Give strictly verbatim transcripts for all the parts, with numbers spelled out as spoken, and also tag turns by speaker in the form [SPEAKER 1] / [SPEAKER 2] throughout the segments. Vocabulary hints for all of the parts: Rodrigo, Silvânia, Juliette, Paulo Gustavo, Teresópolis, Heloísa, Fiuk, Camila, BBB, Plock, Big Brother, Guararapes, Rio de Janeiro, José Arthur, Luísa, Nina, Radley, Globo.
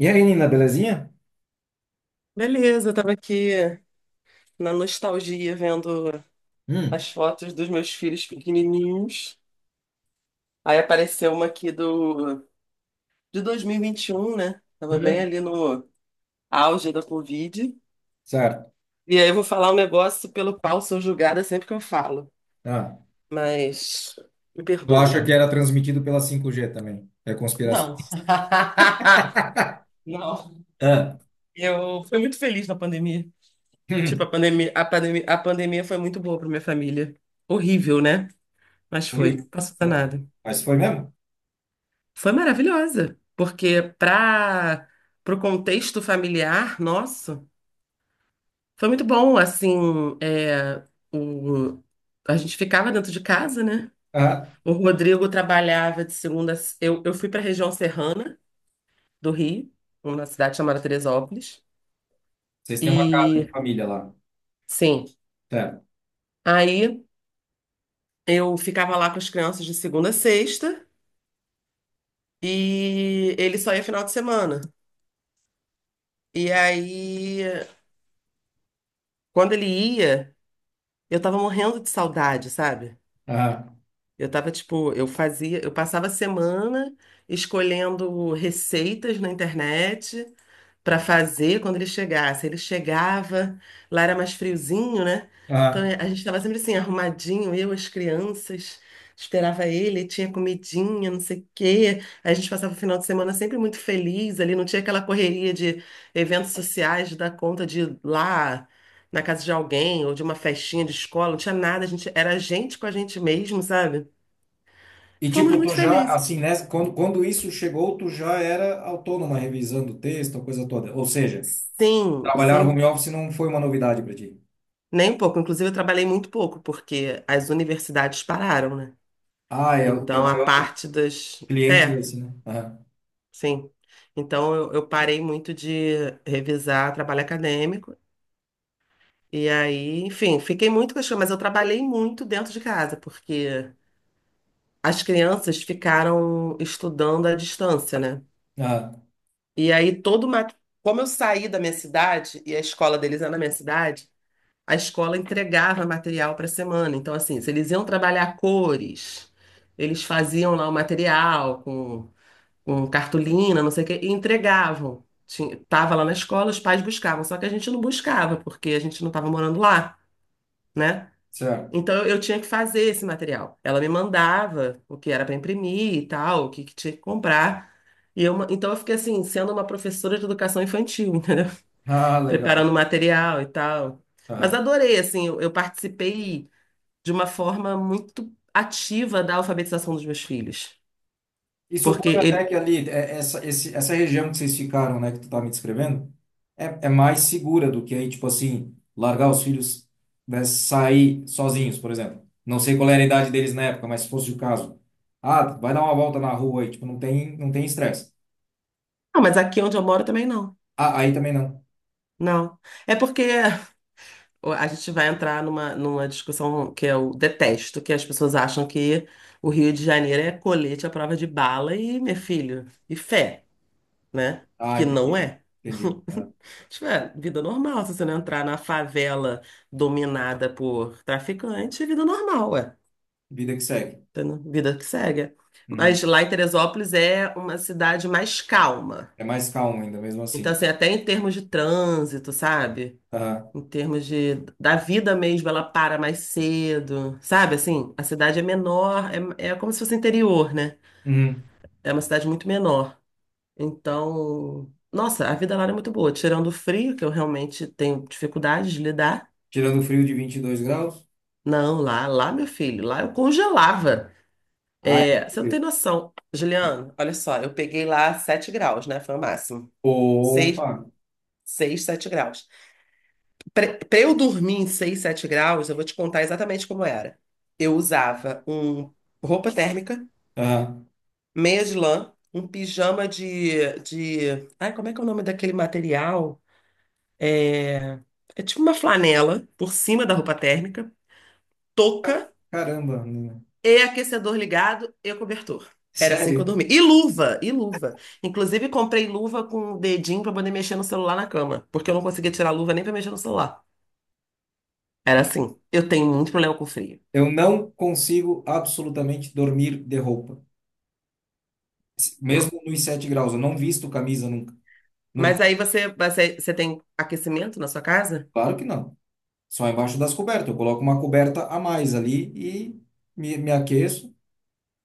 [SPEAKER 1] E aí, Nina, belezinha?
[SPEAKER 2] Beleza, eu tava aqui na nostalgia vendo
[SPEAKER 1] Hum.
[SPEAKER 2] as fotos dos meus filhos pequenininhos. Aí apareceu uma aqui do de dois mil e vinte e um, né? Tava bem
[SPEAKER 1] Uhum.
[SPEAKER 2] ali no auge da Covid.
[SPEAKER 1] Certo.
[SPEAKER 2] E aí eu vou falar um negócio pelo qual sou julgada sempre que eu falo,
[SPEAKER 1] Ah,
[SPEAKER 2] mas me
[SPEAKER 1] tu
[SPEAKER 2] perdoe.
[SPEAKER 1] acha que era transmitido pela cinco G também? É conspiração.
[SPEAKER 2] Não. Não.
[SPEAKER 1] Ah,
[SPEAKER 2] Eu fui muito feliz na pandemia. Tipo, a
[SPEAKER 1] hum,
[SPEAKER 2] pandemia, a pandemia, a pandemia foi muito boa para minha família. Horrível, né? Mas foi.
[SPEAKER 1] horrível.
[SPEAKER 2] Passou nada.
[SPEAKER 1] Mas foi mesmo?
[SPEAKER 2] Foi maravilhosa, porque para o contexto familiar nosso, foi muito bom, assim, é, o, a gente ficava dentro de casa, né?
[SPEAKER 1] Ah,
[SPEAKER 2] O Rodrigo trabalhava de segunda, eu, eu fui para a região serrana do Rio, uma cidade chamada Teresópolis,
[SPEAKER 1] vocês têm uma casa de
[SPEAKER 2] e
[SPEAKER 1] família lá.
[SPEAKER 2] sim,
[SPEAKER 1] Tá.
[SPEAKER 2] aí eu ficava lá com as crianças de segunda a sexta, e ele só ia final de semana, e aí... Quando ele ia, eu tava morrendo de saudade, sabe?
[SPEAKER 1] Ah,
[SPEAKER 2] Eu tava tipo, eu fazia, eu passava a semana escolhendo receitas na internet para fazer quando ele chegasse. Ele chegava, lá era mais friozinho, né? Então
[SPEAKER 1] ah.
[SPEAKER 2] a gente estava sempre assim, arrumadinho, eu, as crianças, esperava ele, tinha comidinha, não sei o quê. A gente passava o final de semana sempre muito feliz ali, não tinha aquela correria de eventos sociais, de dar conta de ir lá na casa de alguém ou de uma festinha de escola, não tinha nada, a gente era a gente com a gente mesmo, sabe?
[SPEAKER 1] E
[SPEAKER 2] Fomos
[SPEAKER 1] tipo,
[SPEAKER 2] muito
[SPEAKER 1] tu já,
[SPEAKER 2] felizes.
[SPEAKER 1] assim, nessa, quando, quando isso chegou, tu já era autônoma revisando o texto, a coisa toda. Ou seja,
[SPEAKER 2] Sim,
[SPEAKER 1] trabalhar no home
[SPEAKER 2] sim.
[SPEAKER 1] office não foi uma novidade para ti.
[SPEAKER 2] Nem um pouco. Inclusive, eu trabalhei muito pouco, porque as universidades pararam, né?
[SPEAKER 1] Ah, é o teu
[SPEAKER 2] Então, a
[SPEAKER 1] maior
[SPEAKER 2] parte das.
[SPEAKER 1] cliente é
[SPEAKER 2] É,
[SPEAKER 1] esse, né? Ah,
[SPEAKER 2] sim. Então, eu, eu parei muito de revisar trabalho acadêmico. E aí, enfim, fiquei muito com as crianças, mas eu trabalhei muito dentro de casa, porque as crianças ficaram estudando à distância, né?
[SPEAKER 1] ah,
[SPEAKER 2] E aí, todo uma. Como eu saí da minha cidade, e a escola deles é na minha cidade. A escola entregava material para a semana. Então, assim, se eles iam trabalhar cores, eles faziam lá o material com, com cartolina, não sei o quê, e entregavam. Tinha, tava lá na escola, os pais buscavam, só que a gente não buscava, porque a gente não estava morando lá, né?
[SPEAKER 1] certo.
[SPEAKER 2] Então eu eu tinha que fazer esse material. Ela me mandava o que era para imprimir e tal, o que, que tinha que comprar. E eu, ma- então eu fiquei assim, sendo uma professora de educação infantil, entendeu?
[SPEAKER 1] Ah, legal.
[SPEAKER 2] Preparando material e tal. Mas
[SPEAKER 1] Ah.
[SPEAKER 2] adorei, assim, eu, eu participei de uma forma muito ativa da alfabetização dos meus filhos.
[SPEAKER 1] E
[SPEAKER 2] Porque
[SPEAKER 1] suponho até
[SPEAKER 2] ele.
[SPEAKER 1] que ali, é- essa, esse, essa região que vocês ficaram, né, que tu tá me descrevendo, é, é mais segura do que aí, tipo assim, largar os filhos, né, sair sozinhos, por exemplo. Não sei qual era a idade deles na época, mas se fosse o caso. Ah, vai dar uma volta na rua aí, tipo, não tem, não tem estresse.
[SPEAKER 2] Não, mas aqui onde eu moro também não.
[SPEAKER 1] Ah, aí também não.
[SPEAKER 2] Não. É porque a gente vai entrar numa, numa discussão que eu detesto, que as pessoas acham que o Rio de Janeiro é colete à prova de bala e, meu filho, e fé. Né?
[SPEAKER 1] Ah,
[SPEAKER 2] Que não
[SPEAKER 1] entendi.
[SPEAKER 2] é.
[SPEAKER 1] Entendi. Ah,
[SPEAKER 2] Tipo, é vida normal. Se você não entrar na favela dominada por traficante, é vida normal, ué.
[SPEAKER 1] vida que segue.
[SPEAKER 2] Entendeu? Vida que segue.
[SPEAKER 1] Uhum.
[SPEAKER 2] Mas lá em Teresópolis é uma cidade mais calma.
[SPEAKER 1] É mais calmo ainda, mesmo assim,
[SPEAKER 2] Então, assim,
[SPEAKER 1] né?
[SPEAKER 2] até em termos de trânsito, sabe?
[SPEAKER 1] Aham.
[SPEAKER 2] Em termos de, da vida mesmo, ela para mais cedo, sabe? Assim, a cidade é menor, é, é como se fosse interior, né?
[SPEAKER 1] Uhum.
[SPEAKER 2] É uma cidade muito menor. Então, nossa, a vida lá era muito boa, tirando o frio, que eu realmente tenho dificuldade de lidar.
[SPEAKER 1] Tirando o frio de vinte e dois graus.
[SPEAKER 2] Não, lá, lá, meu filho, lá eu congelava.
[SPEAKER 1] Ah, é
[SPEAKER 2] É, você não tem
[SPEAKER 1] frio.
[SPEAKER 2] noção. Juliano, olha só, eu peguei lá sete graus, né? Foi o máximo. Seis,
[SPEAKER 1] Opa!
[SPEAKER 2] seis, sete graus. Pra, pra eu dormir em seis, sete graus, eu vou te contar exatamente como era. Eu usava um roupa térmica,
[SPEAKER 1] Aham.
[SPEAKER 2] meia de lã, um pijama de, de... Ai, como é que é o nome daquele material? É tipo uma flanela por cima da roupa térmica,
[SPEAKER 1] Ca-
[SPEAKER 2] touca
[SPEAKER 1] Caramba, né?
[SPEAKER 2] e aquecedor ligado e cobertor. Era assim que eu
[SPEAKER 1] Sério,
[SPEAKER 2] dormia. E luva, e luva. Inclusive, comprei luva com o dedinho pra poder mexer no celular na cama, porque eu não conseguia tirar a luva nem pra mexer no celular. Era assim. Eu tenho muito problema com frio.
[SPEAKER 1] eu não consigo absolutamente dormir de roupa.
[SPEAKER 2] Não.
[SPEAKER 1] Mesmo nos sete graus, eu não visto camisa nunca. Nunca.
[SPEAKER 2] Mas aí você, você, você tem aquecimento na sua casa?
[SPEAKER 1] Claro que não. Só embaixo das cobertas. Eu coloco uma coberta a mais ali e me, me aqueço,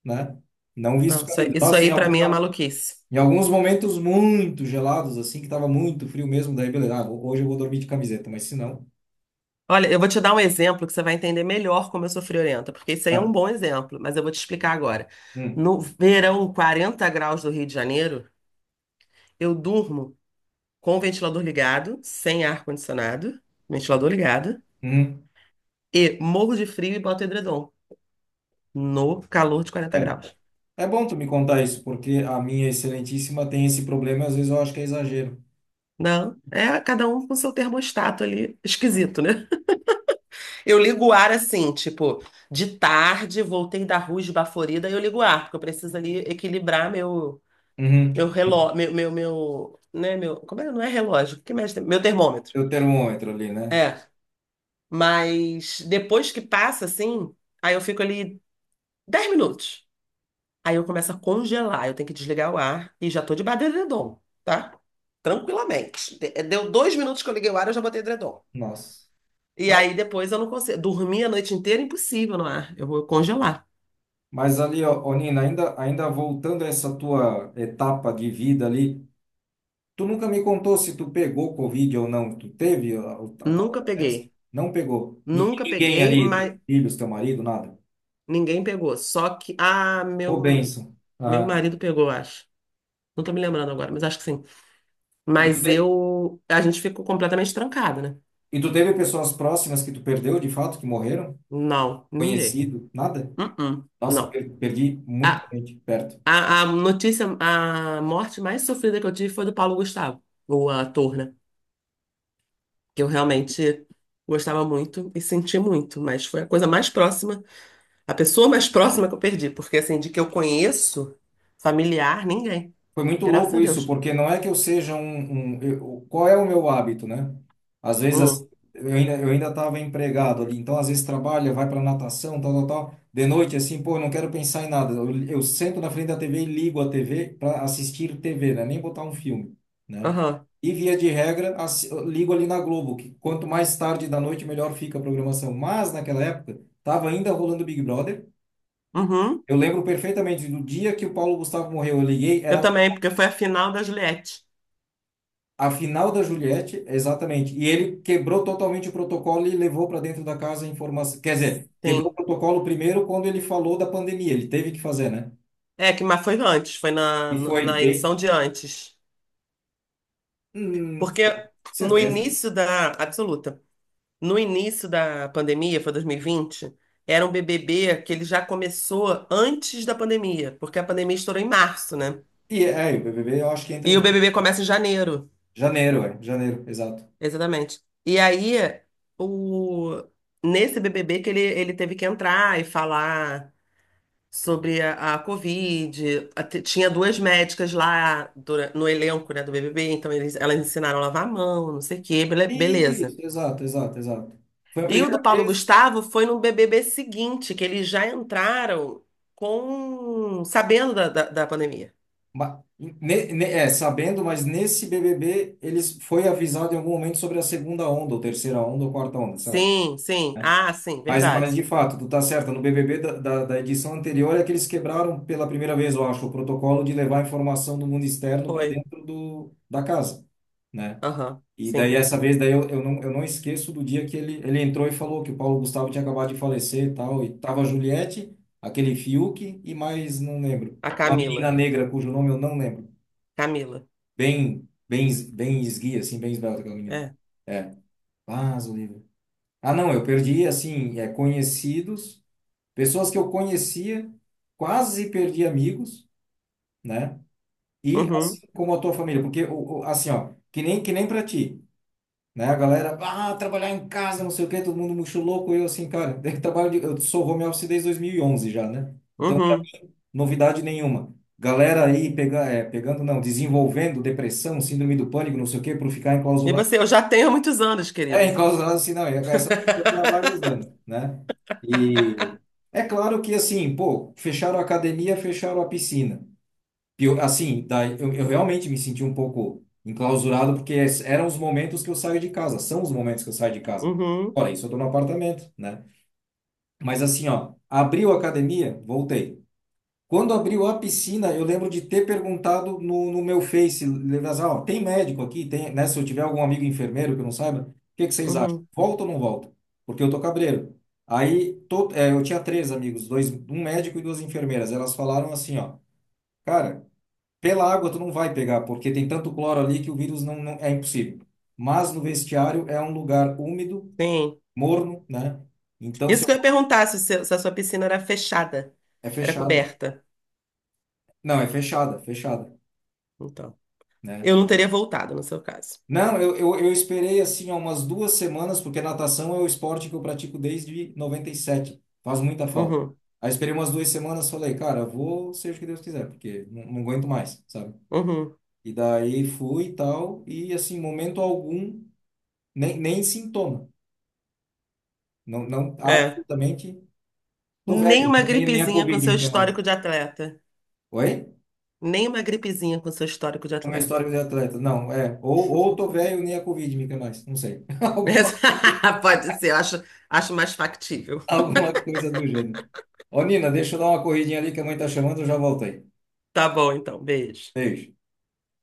[SPEAKER 1] né? Não
[SPEAKER 2] Não,
[SPEAKER 1] visto
[SPEAKER 2] isso, aí,
[SPEAKER 1] camisa.
[SPEAKER 2] isso
[SPEAKER 1] Nossa, em
[SPEAKER 2] aí para
[SPEAKER 1] algum, em
[SPEAKER 2] mim é
[SPEAKER 1] algum-
[SPEAKER 2] maluquice.
[SPEAKER 1] em alguns momentos muito gelados, assim, que tava muito frio mesmo, daí beleza. Ah, hoje eu vou dormir de camiseta, mas se não.
[SPEAKER 2] Olha, eu vou te dar um exemplo que você vai entender melhor como eu sou friorenta, porque isso aí é
[SPEAKER 1] Ah,
[SPEAKER 2] um bom exemplo, mas eu vou te explicar agora.
[SPEAKER 1] hum,
[SPEAKER 2] No verão, quarenta graus do Rio de Janeiro, eu durmo com o ventilador ligado, sem ar-condicionado, ventilador ligado,
[SPEAKER 1] hum.
[SPEAKER 2] e morro de frio e boto edredom no calor de quarenta
[SPEAKER 1] É,
[SPEAKER 2] graus.
[SPEAKER 1] é bom tu me contar isso, porque a minha excelentíssima tem esse problema e às vezes eu acho que é exagero.
[SPEAKER 2] Não, é cada um com seu termostato ali, esquisito, né? Eu ligo o ar assim, tipo, de tarde, voltei da rua esbaforida, eu ligo o ar, porque eu preciso ali equilibrar meu Meu
[SPEAKER 1] Uhum.
[SPEAKER 2] relógio, meu, meu, meu, né, meu, como é? Não é relógio, o que mexe? Meu termômetro.
[SPEAKER 1] Teu termômetro ali, né?
[SPEAKER 2] É. Mas depois que passa, assim, aí eu fico ali dez minutos. Aí eu começo a congelar, eu tenho que desligar o ar e já tô de debaixo do edredom, tá? Tranquilamente. De- eh, Deu dois minutos que eu liguei o ar, eu já botei edredom.
[SPEAKER 1] Nossa.
[SPEAKER 2] E
[SPEAKER 1] Mas,
[SPEAKER 2] aí depois eu não consigo. Dormir a noite inteira, impossível no ar. Eu vou congelar.
[SPEAKER 1] mas ali, ó, ô, Nina, ainda, ainda voltando a essa tua etapa de vida ali, tu nunca me contou se tu pegou Covid ou não. Tu teve a, a, a tal
[SPEAKER 2] Nunca
[SPEAKER 1] da peste?
[SPEAKER 2] peguei.
[SPEAKER 1] Não pegou. Ni-
[SPEAKER 2] Nunca
[SPEAKER 1] Ninguém
[SPEAKER 2] peguei,
[SPEAKER 1] ali, teus
[SPEAKER 2] mas
[SPEAKER 1] filhos, teu marido, nada.
[SPEAKER 2] ninguém pegou. Só que. Ah,
[SPEAKER 1] Ô,
[SPEAKER 2] meu,
[SPEAKER 1] bênção.
[SPEAKER 2] meu
[SPEAKER 1] Ah,
[SPEAKER 2] marido pegou, acho. Não tô me lembrando agora, mas acho que sim.
[SPEAKER 1] e tu,
[SPEAKER 2] Mas
[SPEAKER 1] te-
[SPEAKER 2] eu. A gente ficou completamente trancado, né?
[SPEAKER 1] e tu teve pessoas próximas que tu perdeu, de fato, que morreram?
[SPEAKER 2] Não, ninguém.
[SPEAKER 1] Conhecido? Nada?
[SPEAKER 2] Uh-uh,
[SPEAKER 1] Nossa,
[SPEAKER 2] não.
[SPEAKER 1] per- perdi muita
[SPEAKER 2] A,
[SPEAKER 1] gente perto.
[SPEAKER 2] a, a notícia, a morte mais sofrida que eu tive foi do Paulo Gustavo, o ator, né? Que eu realmente gostava muito e senti muito, mas foi a coisa mais próxima, a pessoa mais próxima que eu perdi, porque assim, de que eu conheço, familiar, ninguém.
[SPEAKER 1] Foi muito
[SPEAKER 2] Graças
[SPEAKER 1] louco
[SPEAKER 2] a
[SPEAKER 1] isso,
[SPEAKER 2] Deus.
[SPEAKER 1] porque não é que eu seja um, um- eu- qual é o meu hábito, né? Às vezes assim,
[SPEAKER 2] Hum,
[SPEAKER 1] eu ainda eu ainda estava empregado ali, então às vezes trabalha, vai para natação, tal, tal, tal. De noite assim, pô, eu não quero pensar em nada. Eu, eu sento na frente da tê vê e ligo a tê vê para assistir tê vê, né? Nem botar um filme, né?
[SPEAKER 2] aham,
[SPEAKER 1] E via de regra, assi- eu ligo ali na Globo, que quanto mais tarde da noite melhor fica a programação. Mas naquela época estava ainda rolando Big Brother.
[SPEAKER 2] uhum.
[SPEAKER 1] Eu lembro perfeitamente do dia que o Paulo Gustavo morreu. Eu liguei,
[SPEAKER 2] Eu
[SPEAKER 1] era
[SPEAKER 2] também, porque foi a final da Juliette.
[SPEAKER 1] a final da Juliette, exatamente. E ele quebrou totalmente o protocolo e levou para dentro da casa a informação. Quer dizer, quebrou o
[SPEAKER 2] Sim.
[SPEAKER 1] protocolo primeiro quando ele falou da pandemia. Ele teve que fazer, né?
[SPEAKER 2] É, que, mas foi antes, foi na,
[SPEAKER 1] E foi
[SPEAKER 2] na
[SPEAKER 1] bem.
[SPEAKER 2] edição de antes.
[SPEAKER 1] Hum,
[SPEAKER 2] Porque no
[SPEAKER 1] certeza.
[SPEAKER 2] início da. Absoluta. No início da pandemia, foi dois mil e vinte, era um B B B que ele já começou antes da pandemia, porque a pandemia estourou em março, né?
[SPEAKER 1] E é, é, o B B B eu acho que entra
[SPEAKER 2] E
[SPEAKER 1] em
[SPEAKER 2] o B B B começa em janeiro,
[SPEAKER 1] janeiro, é. Janeiro, exato.
[SPEAKER 2] exatamente. E aí, o... nesse B B B que ele, ele teve que entrar e falar. Sobre a, a Covid. A te- Tinha duas médicas lá dura- no elenco, né, do B B B, então eles, elas ensinaram a lavar a mão, não sei o quê, bele- beleza.
[SPEAKER 1] Isso, exato, exato, exato. Foi a
[SPEAKER 2] E o do
[SPEAKER 1] primeira
[SPEAKER 2] Paulo
[SPEAKER 1] vez.
[SPEAKER 2] Gustavo foi no B B B seguinte, que eles já entraram com sabendo da, da, da pandemia.
[SPEAKER 1] ma- ne- ne- é, sabendo, mas nesse B B B eles foi avisado em algum momento sobre a segunda onda, ou terceira onda, ou quarta onda, sei lá,
[SPEAKER 2] Sim, sim.
[SPEAKER 1] né?
[SPEAKER 2] Ah, sim,
[SPEAKER 1] Mas, mas
[SPEAKER 2] verdade.
[SPEAKER 1] de fato, tu tá certa. No B B B da, da, da edição anterior é que eles quebraram pela primeira vez, eu acho, o protocolo de levar a informação do mundo externo para
[SPEAKER 2] Foi.
[SPEAKER 1] dentro do, da casa, né?
[SPEAKER 2] Aham,
[SPEAKER 1] E daí
[SPEAKER 2] sim.
[SPEAKER 1] essa vez daí eu, eu não eu não esqueço do dia que ele ele entrou e falou que o Paulo Gustavo tinha acabado de falecer e tal, e tava a Juliette, aquele Fiuk e mais não lembro.
[SPEAKER 2] A
[SPEAKER 1] Uma menina
[SPEAKER 2] Camila.
[SPEAKER 1] negra cujo nome eu não lembro.
[SPEAKER 2] Camila.
[SPEAKER 1] Bem bem es- bem esguia assim, bem esbelta aquela menina.
[SPEAKER 2] É.
[SPEAKER 1] É. Ah, livre. Ah, não, eu perdi assim, é conhecidos. Pessoas que eu conhecia, quase perdi amigos, né? E
[SPEAKER 2] Uhum,
[SPEAKER 1] assim como a tua família, porque o- o- assim, ó, que nem que nem para ti, né? A galera, ah, trabalhar em casa, não sei o quê, todo mundo muito louco, eu assim, cara, daí trabalho de, eu sou home office desde dois mil e onze já, né? Então,
[SPEAKER 2] uhum.
[SPEAKER 1] novidade nenhuma. Galera aí pega, é, pegando, não, desenvolvendo depressão, síndrome do pânico, não sei o quê, por ficar
[SPEAKER 2] E você, eu já tenho há muitos anos,
[SPEAKER 1] é,
[SPEAKER 2] querido.
[SPEAKER 1] enclausurado assim, não, e essa aventura tem há vários anos, né? E é claro que, assim, pô, fecharam a academia, fecharam a piscina. Pio- Assim, daí eu, eu realmente me senti um pouco enclausurado, porque es- eram os momentos que eu saio de casa, são os momentos que eu saio de casa.
[SPEAKER 2] Uhum,
[SPEAKER 1] Olha, isso eu tô no apartamento, né? Mas assim, ó, abriu a academia, voltei. Quando abriu a piscina, eu lembro de ter perguntado no, no meu Face, lembra assim, ó, tem médico aqui? Tem, né? Se eu tiver algum amigo enfermeiro que eu não saiba, o que que vocês acham?
[SPEAKER 2] uhum.
[SPEAKER 1] Volta ou não volta? Porque eu tô cabreiro. Aí to- é, eu tinha três amigos, dois, um médico e duas enfermeiras. Elas falaram assim, ó, cara, pela água tu não vai pegar, porque tem tanto cloro ali que o vírus não, não é impossível. Mas no vestiário é um lugar úmido,
[SPEAKER 2] Sim.
[SPEAKER 1] morno, né? Então se
[SPEAKER 2] Isso que eu ia
[SPEAKER 1] eu-
[SPEAKER 2] perguntar se, o seu- se a sua piscina era fechada,
[SPEAKER 1] é
[SPEAKER 2] era
[SPEAKER 1] fechado.
[SPEAKER 2] coberta.
[SPEAKER 1] Não, é fechada, fechada,
[SPEAKER 2] Então,
[SPEAKER 1] né?
[SPEAKER 2] eu não teria voltado no seu caso.
[SPEAKER 1] Não, eu, eu, eu esperei assim ó, umas duas semanas, porque natação é o esporte que eu pratico desde noventa e sete. Faz muita falta.
[SPEAKER 2] Uhum,
[SPEAKER 1] Aí esperei umas duas semanas, falei, cara, vou seja o que Deus quiser, porque não, não aguento mais, sabe?
[SPEAKER 2] uhum,
[SPEAKER 1] E daí fui e tal, e assim, momento algum, nem, nem sintoma. Não, não,
[SPEAKER 2] é.
[SPEAKER 1] absolutamente. Tô
[SPEAKER 2] Nem
[SPEAKER 1] velho,
[SPEAKER 2] uma
[SPEAKER 1] nem, nem nem a
[SPEAKER 2] gripezinha com
[SPEAKER 1] Covid
[SPEAKER 2] seu
[SPEAKER 1] me quer mais.
[SPEAKER 2] histórico de atleta.
[SPEAKER 1] Oi?
[SPEAKER 2] Nem uma gripezinha com seu histórico de
[SPEAKER 1] O meu
[SPEAKER 2] atleta.
[SPEAKER 1] histórico de atleta. Não, é. Ou, ou tô velho, nem a Covid me quer mais. Não sei. Alguma coisa.
[SPEAKER 2] Pode ser, eu acho, acho mais factível.
[SPEAKER 1] Alguma coisa do gênero. Ô, Nina, deixa eu dar uma corridinha ali que a mãe tá chamando, eu já voltei.
[SPEAKER 2] Tá bom, então, beijo.
[SPEAKER 1] Beijo.